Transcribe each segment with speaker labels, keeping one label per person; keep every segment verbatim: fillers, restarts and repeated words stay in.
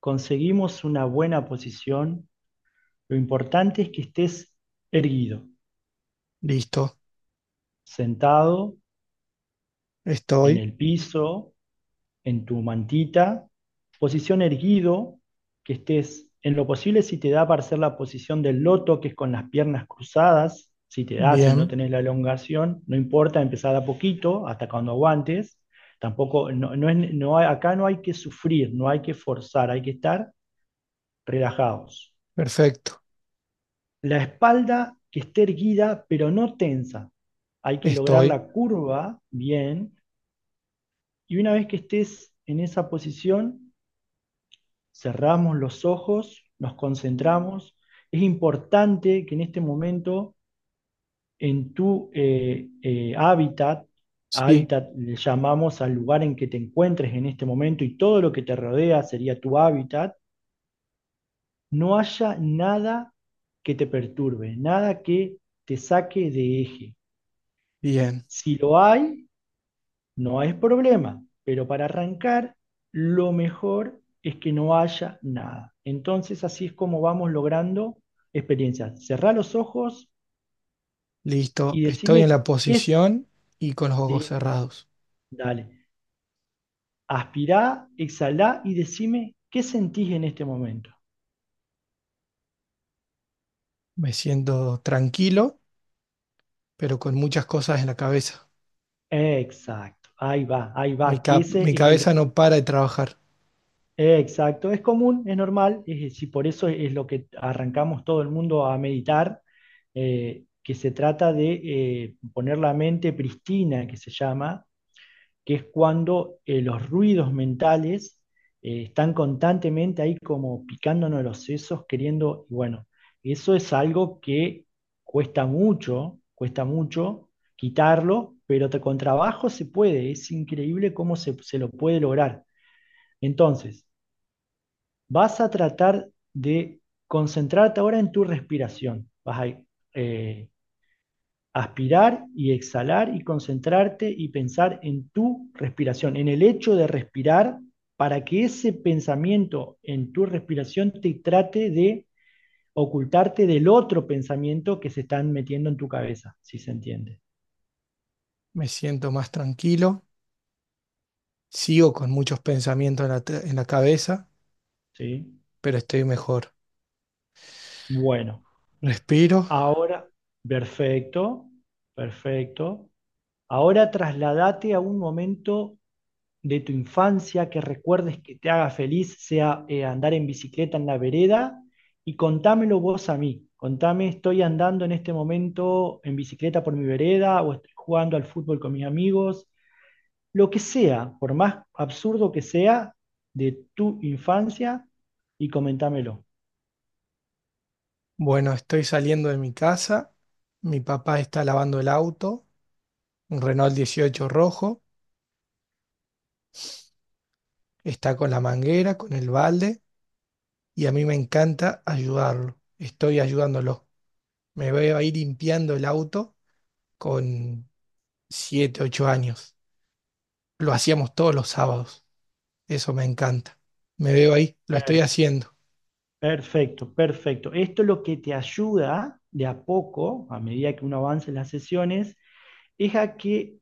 Speaker 1: Conseguimos una buena posición, lo importante es que estés erguido,
Speaker 2: Listo.
Speaker 1: sentado en
Speaker 2: Estoy.
Speaker 1: el piso, en tu mantita, posición erguido, que estés en lo posible si te da para hacer la posición del loto, que es con las piernas cruzadas, si te da, si no
Speaker 2: Bien.
Speaker 1: tenés la elongación, no importa, empezar a poquito, hasta cuando aguantes. Tampoco, no, no es, no hay- acá no hay que sufrir, no hay que forzar, hay que estar relajados.
Speaker 2: Perfecto.
Speaker 1: La espalda que esté erguida, pero no tensa. Hay que lograr
Speaker 2: Estoy.
Speaker 1: la curva bien. Y una vez que estés en esa posición, cerramos los ojos, nos concentramos. Es importante que en este momento, en tu eh, eh, hábitat,
Speaker 2: Sí.
Speaker 1: hábitat le llamamos al lugar en que te encuentres en este momento y todo lo que te rodea sería tu hábitat, no haya nada que te perturbe, nada que te saque de eje.
Speaker 2: Bien.
Speaker 1: Si lo hay, no es problema, pero para arrancar, lo mejor es que no haya nada. Entonces, así es como vamos logrando experiencias. Cerrá los ojos y
Speaker 2: Listo. Estoy en
Speaker 1: decime
Speaker 2: la
Speaker 1: qué es.
Speaker 2: posición y con los ojos
Speaker 1: Sí,
Speaker 2: cerrados.
Speaker 1: dale. Aspirá, exhalá y decime qué sentís en este momento.
Speaker 2: Me siento tranquilo, pero con muchas cosas en la cabeza.
Speaker 1: Exacto. Ahí va, ahí
Speaker 2: Mi
Speaker 1: va, que
Speaker 2: cap-
Speaker 1: ese
Speaker 2: mi
Speaker 1: es
Speaker 2: cabeza
Speaker 1: el...
Speaker 2: no para de trabajar.
Speaker 1: Exacto, es común, es normal, es, y por eso es lo que arrancamos todo el mundo a meditar, eh, que se trata de eh, poner la mente pristina, que se llama, que es cuando eh, los ruidos mentales eh, están constantemente ahí como picándonos los sesos, queriendo, y bueno, eso es algo que cuesta mucho, cuesta mucho quitarlo, pero te- con trabajo se puede, es increíble cómo se se lo puede lograr. Entonces, vas a tratar de concentrarte ahora en tu respiración. Vas a eh, aspirar y exhalar y concentrarte y pensar en tu respiración, en el hecho de respirar, para que ese pensamiento en tu respiración te trate de ocultarte del otro pensamiento que se están metiendo en tu cabeza, si se entiende.
Speaker 2: Me siento más tranquilo. Sigo con muchos pensamientos en la, te- en la cabeza,
Speaker 1: ¿Sí?
Speaker 2: pero estoy mejor.
Speaker 1: Bueno,
Speaker 2: Respiro.
Speaker 1: ahora, perfecto, perfecto. Ahora trasladate a un momento de tu infancia que recuerdes que te haga feliz, sea eh, andar en bicicleta en la vereda y contámelo vos a mí. Contame, estoy andando en este momento en bicicleta por mi vereda o estoy jugando al fútbol con mis amigos, lo que sea, por más absurdo que sea, de tu infancia y comentámelo.
Speaker 2: Bueno, estoy saliendo de mi casa. Mi papá está lavando el auto, un Renault dieciocho rojo. Está con la manguera, con el balde y a mí me encanta ayudarlo. Estoy ayudándolo. Me veo ahí limpiando el auto con siete, ocho años. Lo hacíamos todos los sábados. Eso me encanta. Me veo ahí, lo estoy
Speaker 1: Per-
Speaker 2: haciendo.
Speaker 1: Perfecto, perfecto. Esto es lo que te ayuda de a poco, a medida que uno avance en las sesiones, es a que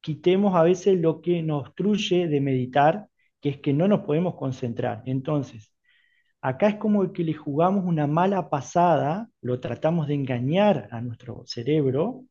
Speaker 1: quitemos a veces lo que nos obstruye de meditar, que es que no nos podemos concentrar. Entonces, acá es como que le jugamos una mala pasada, lo tratamos de engañar a nuestro cerebro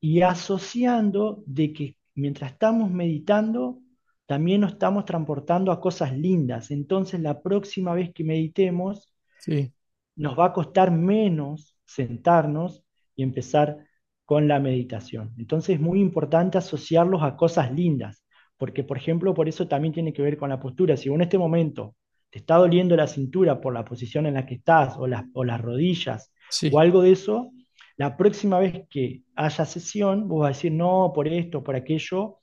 Speaker 1: y asociando de que mientras estamos meditando, también nos estamos transportando a cosas lindas. Entonces, la próxima vez que meditemos,
Speaker 2: Sí,
Speaker 1: nos va a costar menos sentarnos y empezar con la meditación. Entonces es muy importante asociarlos a cosas lindas, porque por ejemplo, por eso también tiene que ver con la postura. Si vos en este momento te está doliendo la cintura por la posición en la que estás, o las, o las rodillas, o
Speaker 2: sí,
Speaker 1: algo de eso, la próxima vez que haya sesión, vos vas a decir, no, por esto, por aquello,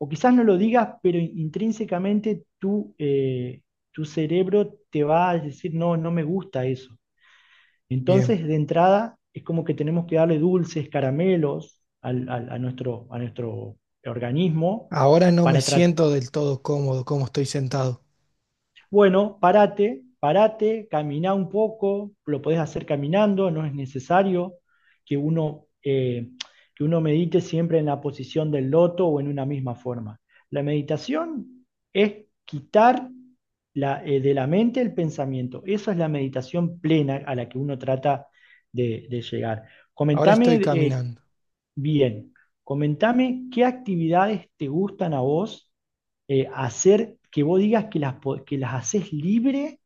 Speaker 1: o quizás no lo digas, pero intrínsecamente tú... Eh, tu cerebro te va a decir, no, no me gusta eso.
Speaker 2: bien.
Speaker 1: Entonces, de entrada, es como que tenemos que darle dulces, caramelos al- al- a nuestro, a nuestro organismo
Speaker 2: Ahora no me
Speaker 1: para, tra-
Speaker 2: siento del todo cómodo como estoy sentado.
Speaker 1: bueno, parate, parate, camina un poco, lo podés hacer caminando, no es necesario que uno, eh, que uno medite siempre en la posición del loto o en una misma forma. La meditación es quitar la, eh, de la mente el pensamiento. Esa es la meditación plena a la que uno trata de, de llegar.
Speaker 2: Ahora
Speaker 1: Comentame
Speaker 2: estoy
Speaker 1: eh,
Speaker 2: caminando.
Speaker 1: bien, comentame qué actividades te gustan a vos eh, hacer, que vos digas que las, po- que las haces libre,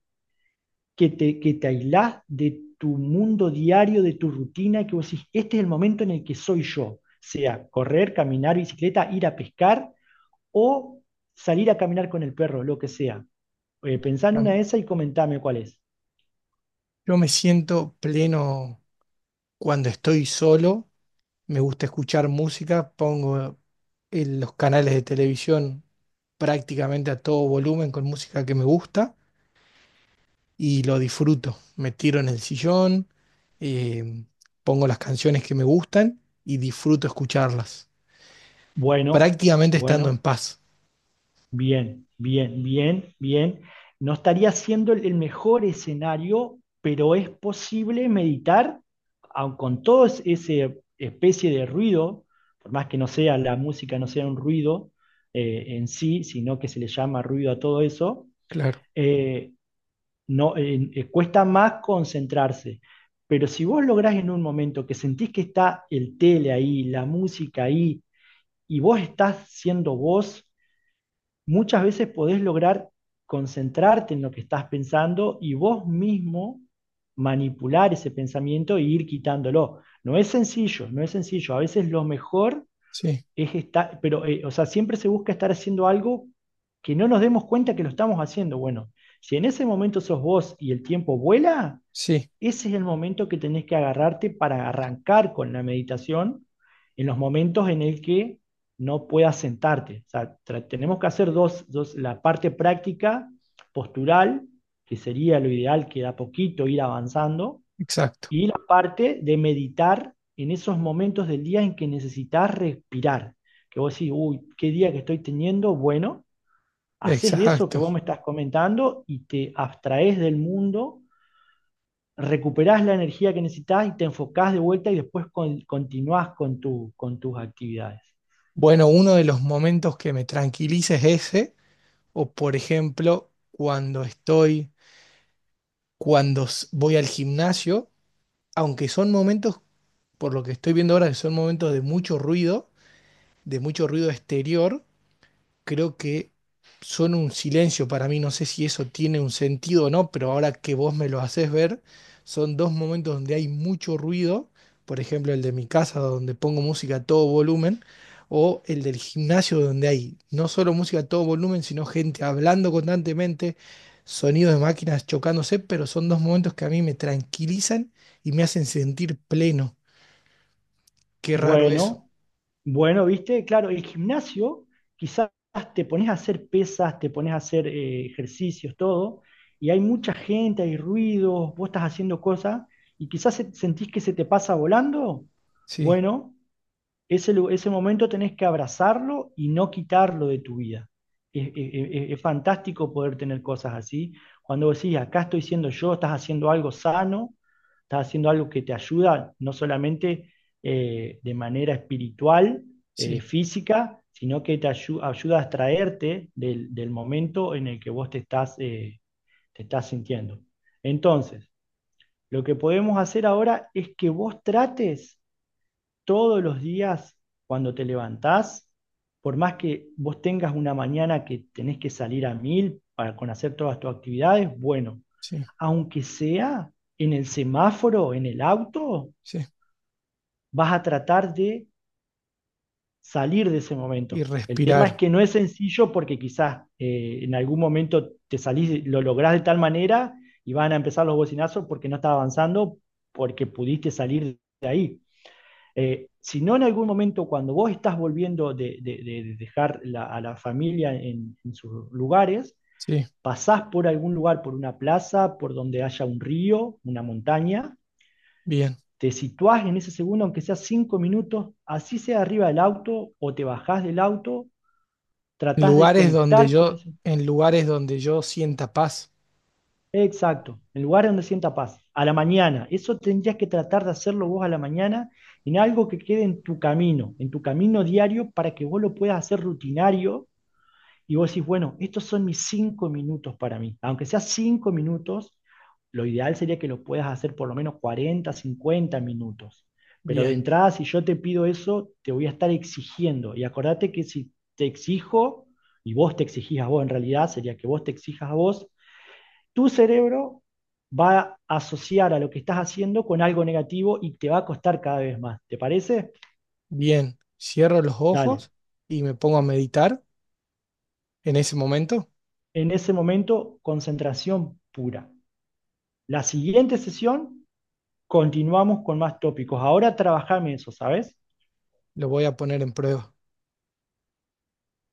Speaker 1: que te, que te aislás de tu mundo diario, de tu rutina, que vos decís, este es el momento en el que soy yo, sea correr, caminar, bicicleta, ir a pescar o salir a caminar con el perro, lo que sea. Eh, pensá en una
Speaker 2: Am-
Speaker 1: de esas y comentame cuál es.
Speaker 2: Yo me siento pleno cuando estoy solo, me gusta escuchar música, pongo el- los canales de televisión prácticamente a todo volumen con música que me gusta y lo disfruto. Me tiro en el sillón, eh, pongo las canciones que me gustan y disfruto escucharlas,
Speaker 1: Bueno,
Speaker 2: prácticamente estando en
Speaker 1: bueno.
Speaker 2: paz.
Speaker 1: Bien, bien, bien, bien. No estaría siendo el el mejor escenario, pero es posible meditar aun con todo es- ese especie de ruido, por más que no sea la música, no sea un ruido eh, en sí, sino que se le llama ruido a todo eso,
Speaker 2: Claro,
Speaker 1: eh, no, eh, eh, cuesta más concentrarse. Pero si vos lográs en un momento que sentís que está el tele ahí, la música ahí, y vos estás siendo vos, muchas veces podés lograr concentrarte en lo que estás pensando y vos mismo manipular ese pensamiento e ir quitándolo. No es sencillo, no es sencillo. A veces lo mejor
Speaker 2: sí,
Speaker 1: es estar, pero, eh, o sea, siempre se busca estar haciendo algo que no nos demos cuenta que lo estamos haciendo. Bueno, si en ese momento sos vos y el tiempo vuela,
Speaker 2: sí,
Speaker 1: ese es el momento que tenés que agarrarte para arrancar con la meditación en los momentos en el que no puedas sentarte. O sea, tra- tenemos que hacer dos, dos, la parte práctica postural, que sería lo ideal, que da poquito ir avanzando,
Speaker 2: exacto,
Speaker 1: y la parte de meditar en esos momentos del día en que necesitas respirar. Que vos decís, uy, qué día que estoy teniendo, bueno, haces eso que
Speaker 2: exacto.
Speaker 1: vos me estás comentando y te abstraes del mundo, recuperás la energía que necesitas y te enfocás de vuelta y después con- continuás con, tu- con tus actividades.
Speaker 2: Bueno, uno de los momentos que me tranquiliza es ese, o por ejemplo, cuando estoy, cuando s- voy al gimnasio, aunque son momentos, por lo que estoy viendo ahora, que son momentos de mucho ruido, de mucho ruido exterior, creo que son un silencio para mí. No sé si eso tiene un sentido o no, pero ahora que vos me lo haces ver, son dos momentos donde hay mucho ruido. Por ejemplo, el de mi casa, donde pongo música a todo volumen, o el del gimnasio, donde hay no solo música a todo volumen, sino gente hablando constantemente, sonidos de máquinas chocándose, pero son dos momentos que a mí me tranquilizan y me hacen sentir pleno. Qué raro eso.
Speaker 1: Bueno, bueno, viste, claro, el gimnasio quizás te pones a hacer pesas, te pones a hacer eh, ejercicios, todo, y hay mucha gente, hay ruidos, vos estás haciendo cosas y quizás se- sentís que se te pasa volando.
Speaker 2: Sí,
Speaker 1: Bueno, Ese, ese momento tenés que abrazarlo y no quitarlo de tu vida. Es, es- es- fantástico poder tener cosas así. Cuando vos decís, acá estoy siendo yo, estás haciendo algo sano, estás haciendo algo que te ayuda, no solamente eh, de manera espiritual, eh,
Speaker 2: sí,
Speaker 1: física, sino que te ayu- ayuda a extraerte del, del momento en el que vos te estás, eh, te estás sintiendo. Entonces, lo que podemos hacer ahora es que vos trates todos los días cuando te levantás, por más que vos tengas una mañana que tenés que salir a mil para con hacer todas tus actividades, bueno,
Speaker 2: sí,
Speaker 1: aunque sea en el semáforo, en el auto,
Speaker 2: sí.
Speaker 1: vas a tratar de salir de ese
Speaker 2: Y
Speaker 1: momento. El tema es
Speaker 2: respirar.
Speaker 1: que no es sencillo porque quizás eh, en algún momento te salís, lo lográs de tal manera y van a empezar los bocinazos porque no estás avanzando, porque pudiste salir de ahí. Eh, si no en algún momento cuando vos estás volviendo de, de- de dejar la- a la familia en, en sus lugares,
Speaker 2: Sí,
Speaker 1: pasás por algún lugar, por una plaza, por donde haya un río, una montaña,
Speaker 2: bien.
Speaker 1: te situás en ese segundo, aunque sea cinco minutos, así sea arriba del auto o te bajás del auto,
Speaker 2: En
Speaker 1: tratás de
Speaker 2: lugares donde
Speaker 1: conectar con
Speaker 2: yo,
Speaker 1: eso.
Speaker 2: en lugares donde yo sienta paz.
Speaker 1: Exacto, el lugar donde sienta paz, a la mañana. Eso tendrías que tratar de hacerlo vos a la mañana en algo que quede en tu camino, en tu camino diario para que vos lo puedas hacer rutinario y vos decís, bueno, estos son mis cinco minutos para mí. Aunque sea cinco minutos, lo ideal sería que lo puedas hacer por lo menos cuarenta, cincuenta minutos. Pero de
Speaker 2: Bien,
Speaker 1: entrada, si yo te pido eso, te voy a estar exigiendo. Y acordate que si te exijo, y vos te exigís a vos, en realidad sería que vos te exijas a vos, tu cerebro va a asociar a lo que estás haciendo con algo negativo y te va a costar cada vez más. ¿Te parece?
Speaker 2: bien. Cierro los
Speaker 1: Dale.
Speaker 2: ojos y me pongo a meditar. En ese momento
Speaker 1: En ese momento, concentración pura. La siguiente sesión, continuamos con más tópicos. Ahora trabajame eso, ¿sabes?
Speaker 2: lo voy a poner en prueba.